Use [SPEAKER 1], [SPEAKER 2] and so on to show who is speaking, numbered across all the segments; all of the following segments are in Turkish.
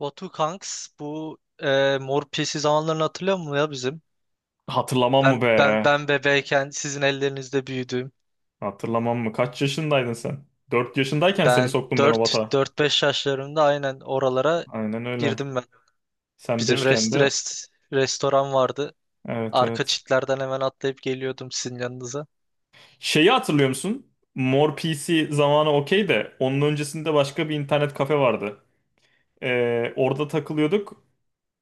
[SPEAKER 1] Batu Kanks bu Mor Piyesi zamanlarını hatırlıyor musun ya bizim?
[SPEAKER 2] Hatırlamam mı
[SPEAKER 1] Ben ben
[SPEAKER 2] be?
[SPEAKER 1] ben bebeyken sizin ellerinizde büyüdüm.
[SPEAKER 2] Hatırlamam mı? Kaç yaşındaydın sen? 4 yaşındayken seni
[SPEAKER 1] Ben
[SPEAKER 2] soktum ben o
[SPEAKER 1] dört
[SPEAKER 2] batağa.
[SPEAKER 1] dört beş yaşlarımda aynen oralara
[SPEAKER 2] Aynen öyle.
[SPEAKER 1] girdim ben.
[SPEAKER 2] Sen
[SPEAKER 1] Bizim
[SPEAKER 2] beşken de.
[SPEAKER 1] restoran vardı.
[SPEAKER 2] Evet,
[SPEAKER 1] Arka
[SPEAKER 2] evet.
[SPEAKER 1] çitlerden hemen atlayıp geliyordum sizin yanınıza.
[SPEAKER 2] Şeyi hatırlıyor musun? Mor PC zamanı okey de onun öncesinde başka bir internet kafe vardı. Orada takılıyorduk.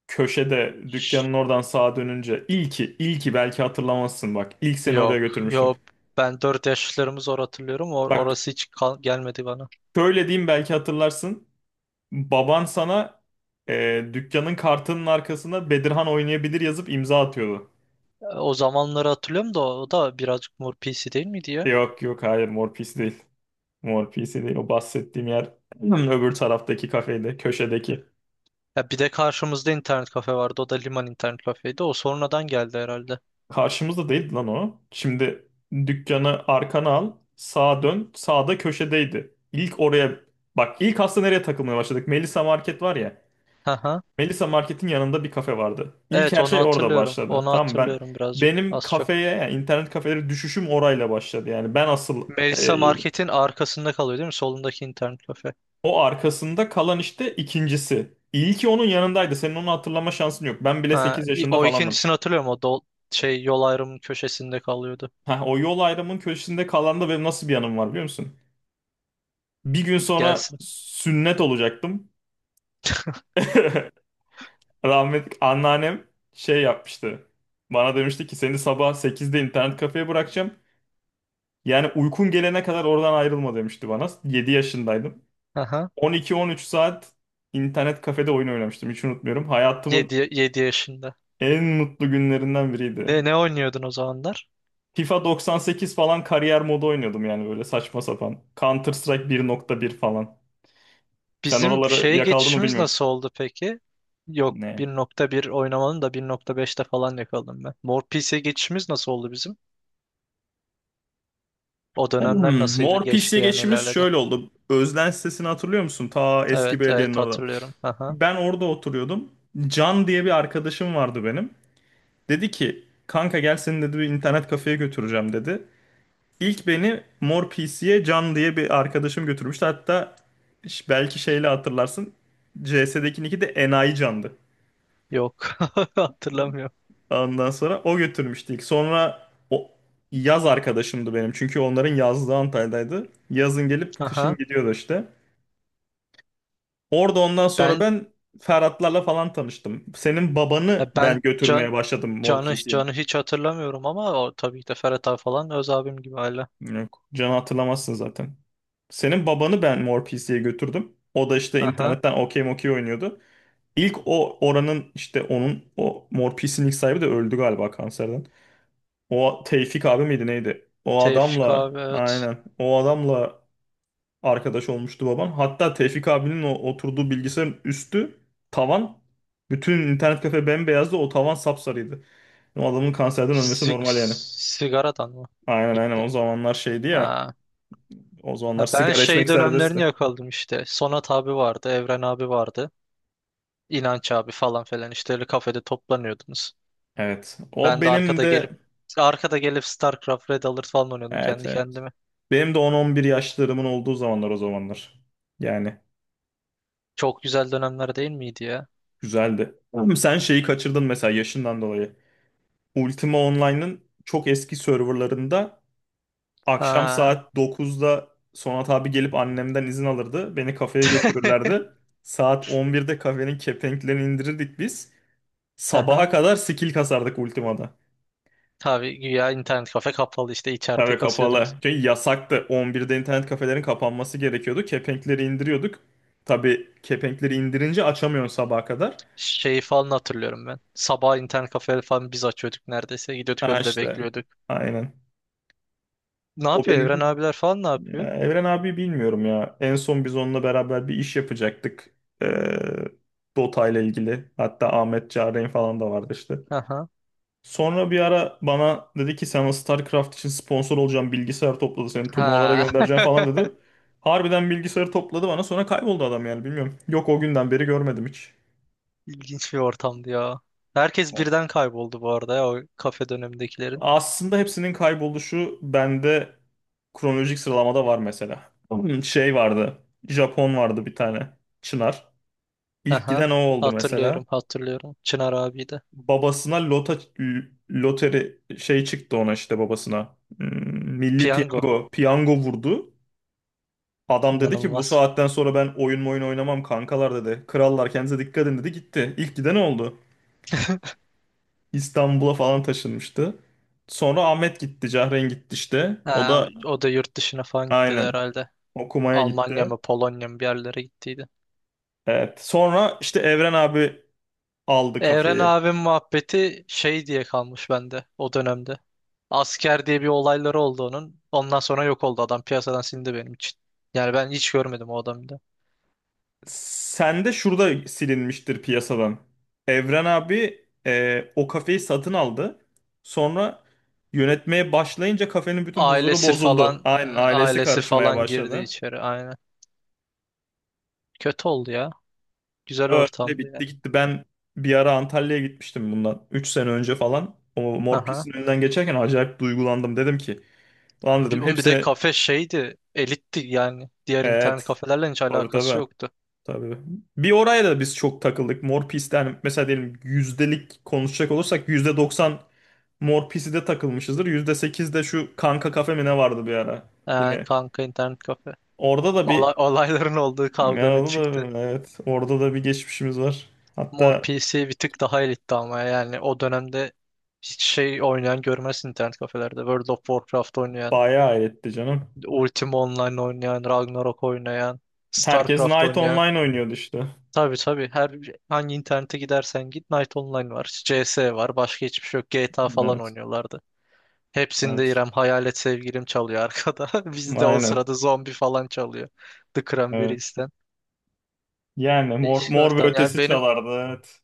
[SPEAKER 2] Köşede
[SPEAKER 1] Şşş,
[SPEAKER 2] dükkanın oradan sağa dönünce ilki belki hatırlamazsın bak. İlk seni oraya
[SPEAKER 1] Yok,
[SPEAKER 2] götürmüştüm.
[SPEAKER 1] yok. Ben dört yaşlarımı zor hatırlıyorum.
[SPEAKER 2] Bak
[SPEAKER 1] Orası hiç gelmedi bana.
[SPEAKER 2] şöyle diyeyim belki hatırlarsın. Baban sana dükkanın kartının arkasına Bedirhan oynayabilir yazıp imza atıyordu.
[SPEAKER 1] O zamanları hatırlıyorum da o da birazcık Mor Piyesi değil miydi ya?
[SPEAKER 2] Yok, yok, hayır Mor Pis değil. Mor Pis'i değil. O bahsettiğim yer öbür taraftaki kafede, köşedeki.
[SPEAKER 1] Ya bir de karşımızda internet kafe vardı. O da Liman internet kafeydi. O sonradan geldi herhalde.
[SPEAKER 2] Karşımızda değildi lan o. Şimdi dükkanı arkana al, sağa dön. Sağda köşedeydi. İlk oraya bak ilk aslında nereye takılmaya başladık? Melisa Market var ya.
[SPEAKER 1] Hı hı.
[SPEAKER 2] Melisa Market'in yanında bir kafe vardı. İlk
[SPEAKER 1] Evet,
[SPEAKER 2] her
[SPEAKER 1] onu
[SPEAKER 2] şey orada
[SPEAKER 1] hatırlıyorum.
[SPEAKER 2] başladı.
[SPEAKER 1] Onu
[SPEAKER 2] Tamam, ben
[SPEAKER 1] hatırlıyorum birazcık.
[SPEAKER 2] benim
[SPEAKER 1] Az çok.
[SPEAKER 2] kafeye yani internet kafeleri düşüşüm orayla başladı. Yani e,
[SPEAKER 1] Melisa Market'in arkasında kalıyor değil mi? Solundaki internet kafe.
[SPEAKER 2] o arkasında kalan işte ikincisi. İlki onun yanındaydı. Senin onu hatırlama şansın yok. Ben bile
[SPEAKER 1] Ha,
[SPEAKER 2] 8 yaşında
[SPEAKER 1] o
[SPEAKER 2] falandım.
[SPEAKER 1] ikincisini hatırlıyorum. O dol şey yol ayrımının köşesinde kalıyordu.
[SPEAKER 2] Heh, o yol ayrımının köşesinde kalan da benim nasıl bir anım var biliyor musun? Bir gün sonra
[SPEAKER 1] Gelsin.
[SPEAKER 2] sünnet olacaktım. Rahmetli anneannem şey yapmıştı. Bana demişti ki seni sabah sekizde internet kafeye bırakacağım. Yani uykun gelene kadar oradan ayrılma demişti bana. 7 yaşındaydım.
[SPEAKER 1] Haha.
[SPEAKER 2] 12-13 saat internet kafede oyun oynamıştım. Hiç unutmuyorum. Hayatımın
[SPEAKER 1] Yedi yaşında.
[SPEAKER 2] en mutlu günlerinden biriydi.
[SPEAKER 1] Ne oynuyordun o zamanlar?
[SPEAKER 2] FIFA 98 falan kariyer modu oynuyordum yani böyle saçma sapan. Counter Strike 1.1 falan. Sen
[SPEAKER 1] Bizim
[SPEAKER 2] oraları
[SPEAKER 1] şeye
[SPEAKER 2] yakaldın mı
[SPEAKER 1] geçişimiz
[SPEAKER 2] bilmiyorum.
[SPEAKER 1] nasıl oldu peki? Yok,
[SPEAKER 2] Ne?
[SPEAKER 1] 1.1 oynamanın da 1.5'te falan yakaladım ben. Mor PC geçişimiz nasıl oldu bizim? O dönemler nasıl
[SPEAKER 2] Mor PC'ye
[SPEAKER 1] geçti, yani
[SPEAKER 2] geçişimiz
[SPEAKER 1] nelerledi?
[SPEAKER 2] şöyle oldu. Özden sitesini hatırlıyor musun? Ta
[SPEAKER 1] Evet
[SPEAKER 2] eski belediyenin
[SPEAKER 1] evet,
[SPEAKER 2] orada.
[SPEAKER 1] hatırlıyorum. Aha.
[SPEAKER 2] Ben orada oturuyordum. Can diye bir arkadaşım vardı benim. Dedi ki kanka gel seni dedi bir internet kafeye götüreceğim dedi. İlk beni Mor PC'ye Can diye bir arkadaşım götürmüştü. Hatta belki şeyle hatırlarsın CS'deki nick'i de Enayi Can'dı.
[SPEAKER 1] Yok, hatırlamıyorum.
[SPEAKER 2] Ondan sonra o götürmüştü ilk. Sonra o yaz arkadaşımdı benim. Çünkü onların yazlığı Antalya'daydı. Yazın gelip kışın
[SPEAKER 1] Aha.
[SPEAKER 2] gidiyordu işte. Orada ondan sonra
[SPEAKER 1] Ben
[SPEAKER 2] ben Ferhatlarla falan tanıştım. Senin
[SPEAKER 1] e,
[SPEAKER 2] babanı ben
[SPEAKER 1] ben
[SPEAKER 2] götürmeye
[SPEAKER 1] Can
[SPEAKER 2] başladım Mor
[SPEAKER 1] Can'ı
[SPEAKER 2] PC'ye.
[SPEAKER 1] Can'ı hiç hatırlamıyorum, ama o tabii ki de Ferhat abi falan öz abim gibi hala.
[SPEAKER 2] Yok. Can'ı hatırlamazsın zaten. Senin babanı ben Mor PC'ye götürdüm. O da işte
[SPEAKER 1] Aha.
[SPEAKER 2] internetten okey mokey oynuyordu. İlk o oranın işte onun o Mor PC'nin ilk sahibi de öldü galiba kanserden. O Tevfik abi miydi neydi? O
[SPEAKER 1] Tevfik
[SPEAKER 2] adamla
[SPEAKER 1] abi, evet.
[SPEAKER 2] aynen o adamla arkadaş olmuştu babam. Hatta Tevfik abinin o oturduğu bilgisayarın üstü tavan bütün internet kafe bembeyazdı o tavan sapsarıydı. O adamın kanserden ölmesi normal yani.
[SPEAKER 1] Sigaradan mı?
[SPEAKER 2] Aynen, aynen,
[SPEAKER 1] Gitti.
[SPEAKER 2] o zamanlar şeydi ya.
[SPEAKER 1] Ha.
[SPEAKER 2] O zamanlar
[SPEAKER 1] Ha, ben
[SPEAKER 2] sigara
[SPEAKER 1] şey
[SPEAKER 2] içmek
[SPEAKER 1] dönemlerini
[SPEAKER 2] serbestti.
[SPEAKER 1] yakaladım işte. Sonat abi vardı, Evren abi vardı. İnanç abi falan filan, işte öyle kafede toplanıyordunuz.
[SPEAKER 2] Evet. O
[SPEAKER 1] Ben de
[SPEAKER 2] benim
[SPEAKER 1] arkada
[SPEAKER 2] de.
[SPEAKER 1] gelip StarCraft, Red Alert falan oynuyordum
[SPEAKER 2] Evet,
[SPEAKER 1] kendi
[SPEAKER 2] evet.
[SPEAKER 1] kendime.
[SPEAKER 2] Benim de 10-11 yaşlarımın olduğu zamanlar o zamanlar. Yani
[SPEAKER 1] Çok güzel dönemler değil miydi ya?
[SPEAKER 2] güzeldi. Ama sen şeyi kaçırdın mesela yaşından dolayı. Ultima Online'ın çok eski serverlarında akşam
[SPEAKER 1] Ha.
[SPEAKER 2] saat 9'da Sonat abi gelip annemden izin alırdı. Beni kafeye götürürlerdi. Saat 11'de kafenin kepenklerini indirirdik biz. Sabaha
[SPEAKER 1] Aha.
[SPEAKER 2] kadar skill kasardık Ultima'da.
[SPEAKER 1] Tabii, güya internet kafe kapalı, işte içeride
[SPEAKER 2] Tabii kapalı.
[SPEAKER 1] kasıyordunuz.
[SPEAKER 2] Çünkü yasaktı. 11'de internet kafelerin kapanması gerekiyordu. Kepenkleri indiriyorduk. Tabii kepenkleri indirince açamıyorsun sabaha kadar.
[SPEAKER 1] Şeyi falan hatırlıyorum ben. Sabah internet kafe falan biz açıyorduk neredeyse. Gidiyorduk,
[SPEAKER 2] Ha,
[SPEAKER 1] önde
[SPEAKER 2] işte.
[SPEAKER 1] bekliyorduk.
[SPEAKER 2] Aynen.
[SPEAKER 1] Ne
[SPEAKER 2] O
[SPEAKER 1] yapıyor Evren
[SPEAKER 2] benim.
[SPEAKER 1] abiler falan, ne yapıyor?
[SPEAKER 2] Ya, Evren abi bilmiyorum ya. En son biz onunla beraber bir iş yapacaktık. Ee, Dota ile ilgili. Hatta Ahmet Çağrı'nın falan da vardı işte.
[SPEAKER 1] Aha.
[SPEAKER 2] Sonra bir ara bana dedi ki sana StarCraft için sponsor olacağım bilgisayar topladı seni turnuvalara
[SPEAKER 1] Ha.
[SPEAKER 2] göndereceğim falan dedi. Harbiden bilgisayarı topladı bana sonra kayboldu adam yani bilmiyorum. Yok, o günden beri görmedim hiç.
[SPEAKER 1] İlginç bir ortamdı ya. Herkes birden kayboldu bu arada ya, o kafe dönemindekilerin.
[SPEAKER 2] Aslında hepsinin kayboluşu bende kronolojik sıralamada var mesela. Şey vardı. Japon vardı bir tane. Çınar. İlk
[SPEAKER 1] Aha.
[SPEAKER 2] giden o oldu mesela.
[SPEAKER 1] Hatırlıyorum, hatırlıyorum. Çınar abi de.
[SPEAKER 2] Babasına loteri şey çıktı ona işte babasına. Milli
[SPEAKER 1] Piyango.
[SPEAKER 2] piyango. Piyango vurdu. Adam dedi ki bu
[SPEAKER 1] İnanılmaz.
[SPEAKER 2] saatten sonra ben oyun oynamam kankalar dedi. Krallar kendinize dikkat edin dedi gitti. İlk giden oldu. İstanbul'a falan taşınmıştı. Sonra Ahmet gitti, Cahren gitti işte. O
[SPEAKER 1] Ha,
[SPEAKER 2] da
[SPEAKER 1] o da yurt dışına falan gitti de
[SPEAKER 2] aynen
[SPEAKER 1] herhalde.
[SPEAKER 2] okumaya
[SPEAKER 1] Almanya
[SPEAKER 2] gitti.
[SPEAKER 1] mı, Polonya mı, bir yerlere gittiydi.
[SPEAKER 2] Evet. Sonra işte Evren abi aldı
[SPEAKER 1] Evren
[SPEAKER 2] kafeyi.
[SPEAKER 1] abim muhabbeti şey diye kalmış bende o dönemde. Asker diye bir olayları oldu onun. Ondan sonra yok oldu adam. Piyasadan silindi benim için. Yani ben hiç görmedim o adamı da.
[SPEAKER 2] Sen de şurada silinmiştir piyasadan. Evren abi o kafeyi satın aldı. Sonra yönetmeye başlayınca kafenin bütün huzuru
[SPEAKER 1] Ailesi
[SPEAKER 2] bozuldu.
[SPEAKER 1] falan e, e,
[SPEAKER 2] Aynen, ailesi
[SPEAKER 1] ailesi
[SPEAKER 2] karışmaya
[SPEAKER 1] falan girdi
[SPEAKER 2] başladı.
[SPEAKER 1] içeri aynen. Kötü oldu ya. Güzel
[SPEAKER 2] Öyle
[SPEAKER 1] ortamdı
[SPEAKER 2] bitti
[SPEAKER 1] yani.
[SPEAKER 2] gitti. Ben bir ara Antalya'ya gitmiştim bundan. 3 sene önce falan. O Mor
[SPEAKER 1] Aha.
[SPEAKER 2] Pis'in önünden geçerken acayip duygulandım. Dedim ki lan dedim
[SPEAKER 1] Oğlum, bir de
[SPEAKER 2] hepsini,
[SPEAKER 1] kafe şeydi. Elitti yani. Diğer internet
[SPEAKER 2] evet,
[SPEAKER 1] kafelerle hiç
[SPEAKER 2] tabii,
[SPEAKER 1] alakası
[SPEAKER 2] tabii.
[SPEAKER 1] yoktu.
[SPEAKER 2] Tabii. Bir oraya da biz çok takıldık. Mor Pis'ten mesela diyelim yüzdelik konuşacak olursak %90 Mor Pis'i de takılmışızdır. %8 de şu Kanka Kafe mi ne vardı bir ara. Yine
[SPEAKER 1] Kanka internet kafe.
[SPEAKER 2] orada da bir
[SPEAKER 1] Olayların olduğu,
[SPEAKER 2] ya,
[SPEAKER 1] kavganın
[SPEAKER 2] orada
[SPEAKER 1] çıktı.
[SPEAKER 2] da, evet, orada da bir geçmişimiz var.
[SPEAKER 1] Mor
[SPEAKER 2] Hatta
[SPEAKER 1] PC bir tık daha elitti, ama yani o dönemde hiç şey oynayan görmezsin internet kafelerde. World of Warcraft oynayan,
[SPEAKER 2] bayağı etti canım.
[SPEAKER 1] Ultima Online oynayan, Ragnarok oynayan,
[SPEAKER 2] Herkes
[SPEAKER 1] Starcraft
[SPEAKER 2] Knight
[SPEAKER 1] oynayan.
[SPEAKER 2] Online oynuyordu işte.
[SPEAKER 1] Tabii tabii, her hangi internete gidersen git Knight Online var, CS var, başka hiçbir şey yok. GTA falan
[SPEAKER 2] Evet.
[SPEAKER 1] oynuyorlardı. Hepsinde
[SPEAKER 2] Evet.
[SPEAKER 1] İrem Hayalet Sevgilim çalıyor arkada. Bizde o
[SPEAKER 2] Aynen.
[SPEAKER 1] sırada zombi falan çalıyor. The
[SPEAKER 2] Evet.
[SPEAKER 1] Cranberries'ten.
[SPEAKER 2] Yani mor,
[SPEAKER 1] Değişik
[SPEAKER 2] mor ve
[SPEAKER 1] ortam. Yani
[SPEAKER 2] Ötesi
[SPEAKER 1] benim
[SPEAKER 2] çalardı. Evet.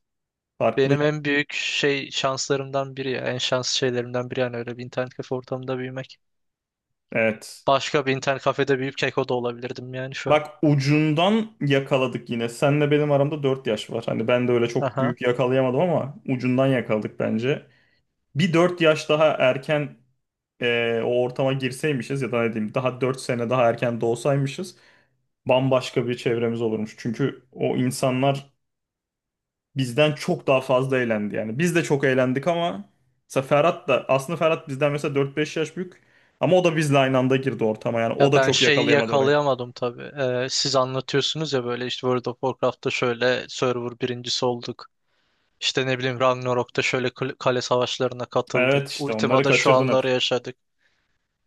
[SPEAKER 2] Farklı.
[SPEAKER 1] Benim en büyük şey şanslarımdan biri ya. En şanslı şeylerimden biri, yani öyle bir internet kafe ortamında büyümek.
[SPEAKER 2] Evet.
[SPEAKER 1] Başka bir internet kafede büyüyüp keko da olabilirdim yani şu an.
[SPEAKER 2] Bak ucundan yakaladık yine. Senle benim aramda 4 yaş var. Hani ben de öyle çok
[SPEAKER 1] Aha.
[SPEAKER 2] büyük yakalayamadım ama ucundan yakaladık bence. Bir 4 yaş daha erken o ortama girseymişiz ya da ne diyeyim daha 4 sene daha erken doğsaymışız bambaşka bir çevremiz olurmuş. Çünkü o insanlar bizden çok daha fazla eğlendi yani. Biz de çok eğlendik ama mesela Ferhat da aslında Ferhat bizden mesela 4-5 yaş büyük ama o da bizle aynı anda girdi ortama yani o
[SPEAKER 1] Ya
[SPEAKER 2] da
[SPEAKER 1] ben
[SPEAKER 2] çok
[SPEAKER 1] şeyi
[SPEAKER 2] yakalayamadı orayı.
[SPEAKER 1] yakalayamadım tabii. Siz anlatıyorsunuz ya, böyle işte World of Warcraft'ta şöyle server birincisi olduk. İşte ne bileyim, Ragnarok'ta şöyle kale savaşlarına katıldık.
[SPEAKER 2] Evet, işte onları
[SPEAKER 1] Ultima'da şu
[SPEAKER 2] kaçırdın hep.
[SPEAKER 1] anları yaşadık.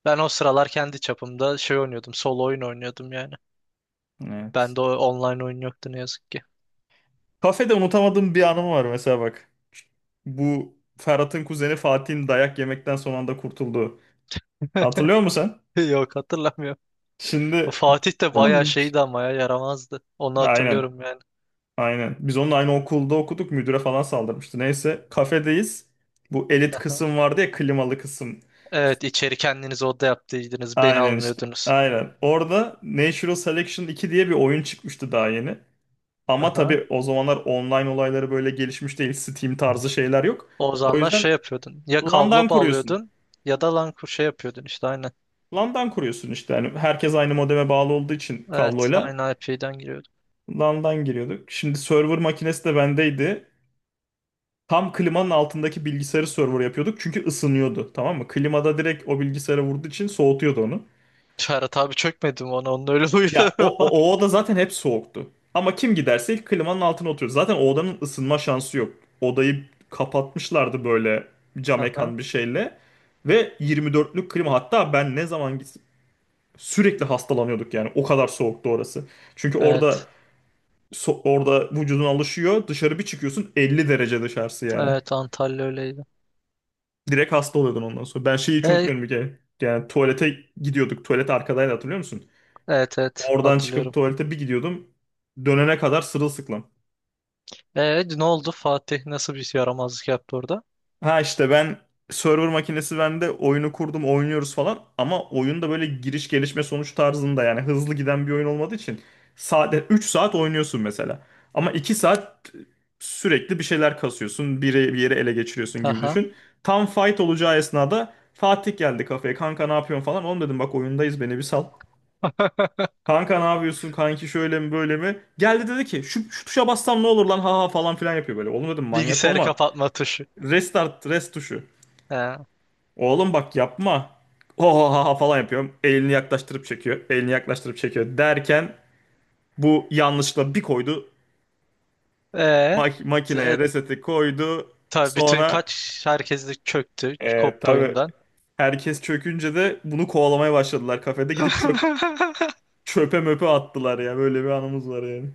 [SPEAKER 1] Ben o sıralar kendi çapımda şey oynuyordum. Solo oyun oynuyordum yani.
[SPEAKER 2] Evet.
[SPEAKER 1] Bende o online oyun yoktu ne yazık ki.
[SPEAKER 2] Kafede unutamadığım bir anım var mesela bak. Bu Ferhat'ın kuzeni Fatih'in dayak yemekten son anda kurtulduğu. Hatırlıyor musun sen?
[SPEAKER 1] Yok, hatırlamıyorum.
[SPEAKER 2] Şimdi.
[SPEAKER 1] Fatih de bayağı
[SPEAKER 2] Hmm.
[SPEAKER 1] şeydi ama ya, yaramazdı. Onu
[SPEAKER 2] Aynen,
[SPEAKER 1] hatırlıyorum yani.
[SPEAKER 2] aynen. Biz onunla aynı okulda okuduk müdüre falan saldırmıştı. Neyse kafedeyiz. Bu elit
[SPEAKER 1] Aha.
[SPEAKER 2] kısım vardı ya klimalı kısım.
[SPEAKER 1] Evet, içeri kendiniz oda yaptıydınız. Beni
[SPEAKER 2] Aynen işte.
[SPEAKER 1] almıyordunuz.
[SPEAKER 2] Aynen. Orada Natural Selection 2 diye bir oyun çıkmıştı daha yeni. Ama
[SPEAKER 1] Aha.
[SPEAKER 2] tabii o zamanlar online olayları böyle gelişmiş değil. Steam tarzı şeyler yok.
[SPEAKER 1] O
[SPEAKER 2] O
[SPEAKER 1] zamanlar
[SPEAKER 2] yüzden
[SPEAKER 1] şey yapıyordun. Ya
[SPEAKER 2] LAN'dan
[SPEAKER 1] kablo
[SPEAKER 2] kuruyorsun.
[SPEAKER 1] bağlıyordun, ya da lan şey yapıyordun işte aynen.
[SPEAKER 2] LAN'dan kuruyorsun işte. Yani herkes aynı modeme bağlı olduğu için
[SPEAKER 1] Evet,
[SPEAKER 2] kabloyla
[SPEAKER 1] aynı IP'den giriyordun.
[SPEAKER 2] LAN'dan giriyorduk. Şimdi server makinesi de bendeydi. Tam klimanın altındaki bilgisayarı server yapıyorduk. Çünkü ısınıyordu. Tamam mı? Klimada direkt o bilgisayara vurduğu için soğutuyordu onu.
[SPEAKER 1] Ferhat abi, çökmedim ona. Onun öyle
[SPEAKER 2] Ya
[SPEAKER 1] huyları
[SPEAKER 2] o,
[SPEAKER 1] var.
[SPEAKER 2] o, o oda zaten hep soğuktu. Ama kim giderse ilk klimanın altına oturuyor. Zaten o odanın ısınma şansı yok. Odayı kapatmışlardı böyle cam
[SPEAKER 1] Aha.
[SPEAKER 2] ekan bir şeyle. Ve 24'lük klima hatta ben ne zaman gitsem sürekli hastalanıyorduk yani. O kadar soğuktu orası. Çünkü orada
[SPEAKER 1] Evet.
[SPEAKER 2] orada vücudun alışıyor. Dışarı bir çıkıyorsun 50 derece dışarısı yani.
[SPEAKER 1] Evet, Antalya öyleydi.
[SPEAKER 2] Direkt hasta oluyordun ondan sonra. Ben şeyi hiç
[SPEAKER 1] E,
[SPEAKER 2] unutmuyorum bir kere. Yani tuvalete gidiyorduk. Tuvalet arkadaydı hatırlıyor musun?
[SPEAKER 1] evet evet,
[SPEAKER 2] Oradan çıkıp
[SPEAKER 1] hatırlıyorum.
[SPEAKER 2] tuvalete bir gidiyordum. Dönene kadar sırılsıklam.
[SPEAKER 1] Ne oldu, Fatih nasıl bir yaramazlık yaptı orada?
[SPEAKER 2] Ha, işte ben server makinesi bende oyunu kurdum oynuyoruz falan ama oyunda böyle giriş gelişme sonuç tarzında yani hızlı giden bir oyun olmadığı için sade 3 saat oynuyorsun mesela. Ama 2 saat sürekli bir şeyler kasıyorsun biri bir yere ele geçiriyorsun gibi
[SPEAKER 1] Aha.
[SPEAKER 2] düşün. Tam fight olacağı esnada Fatih geldi kafeye kanka ne yapıyorsun falan oğlum dedim bak oyundayız beni bir sal. Kanka ne yapıyorsun kanki şöyle mi böyle mi? Geldi dedi ki şu tuşa bassam ne olur lan ha ha falan filan yapıyor böyle. Oğlum dedim manyak
[SPEAKER 1] Bilgisayarı
[SPEAKER 2] olma.
[SPEAKER 1] kapatma tuşu.
[SPEAKER 2] Restart tuşu.
[SPEAKER 1] He.
[SPEAKER 2] Oğlum bak yapma. Oha falan yapıyorum. Elini yaklaştırıp çekiyor. Elini yaklaştırıp çekiyor derken bu yanlışla bir koydu.
[SPEAKER 1] Ee,
[SPEAKER 2] Makineye
[SPEAKER 1] e,
[SPEAKER 2] reseti koydu.
[SPEAKER 1] tabii bütün
[SPEAKER 2] Sonra
[SPEAKER 1] herkes de çöktü, koptu
[SPEAKER 2] tabii
[SPEAKER 1] oyundan.
[SPEAKER 2] herkes çökünce de bunu kovalamaya başladılar kafede. Gidip çöpe möpe attılar ya. Böyle bir anımız var yani.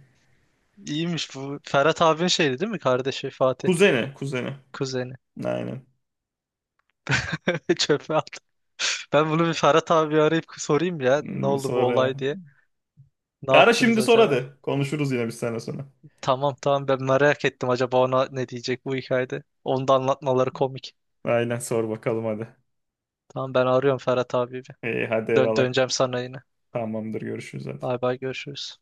[SPEAKER 1] İyiymiş bu. Ferhat abinin şeydi değil mi?
[SPEAKER 2] Kuzeni, kuzeni.
[SPEAKER 1] Kuzeni.
[SPEAKER 2] Aynen.
[SPEAKER 1] Çöpe attı. Ben bunu bir Ferhat abi arayıp sorayım ya. Ne
[SPEAKER 2] Bir
[SPEAKER 1] oldu bu
[SPEAKER 2] sonra
[SPEAKER 1] olay
[SPEAKER 2] ya.
[SPEAKER 1] diye. Ne
[SPEAKER 2] Ara
[SPEAKER 1] yaptınız
[SPEAKER 2] şimdi sor
[SPEAKER 1] acaba?
[SPEAKER 2] hadi. Konuşuruz yine bir sene sonra.
[SPEAKER 1] Tamam tamam, ben merak ettim, acaba ona ne diyecek bu hikayede. Onu da anlatmaları komik.
[SPEAKER 2] Aynen sor bakalım hadi.
[SPEAKER 1] Tamam, ben arıyorum Ferhat abi bir.
[SPEAKER 2] İyi hadi
[SPEAKER 1] Dön
[SPEAKER 2] eyvallah.
[SPEAKER 1] döneceğim sana yine.
[SPEAKER 2] Tamamdır görüşürüz hadi.
[SPEAKER 1] Bay bay, görüşürüz.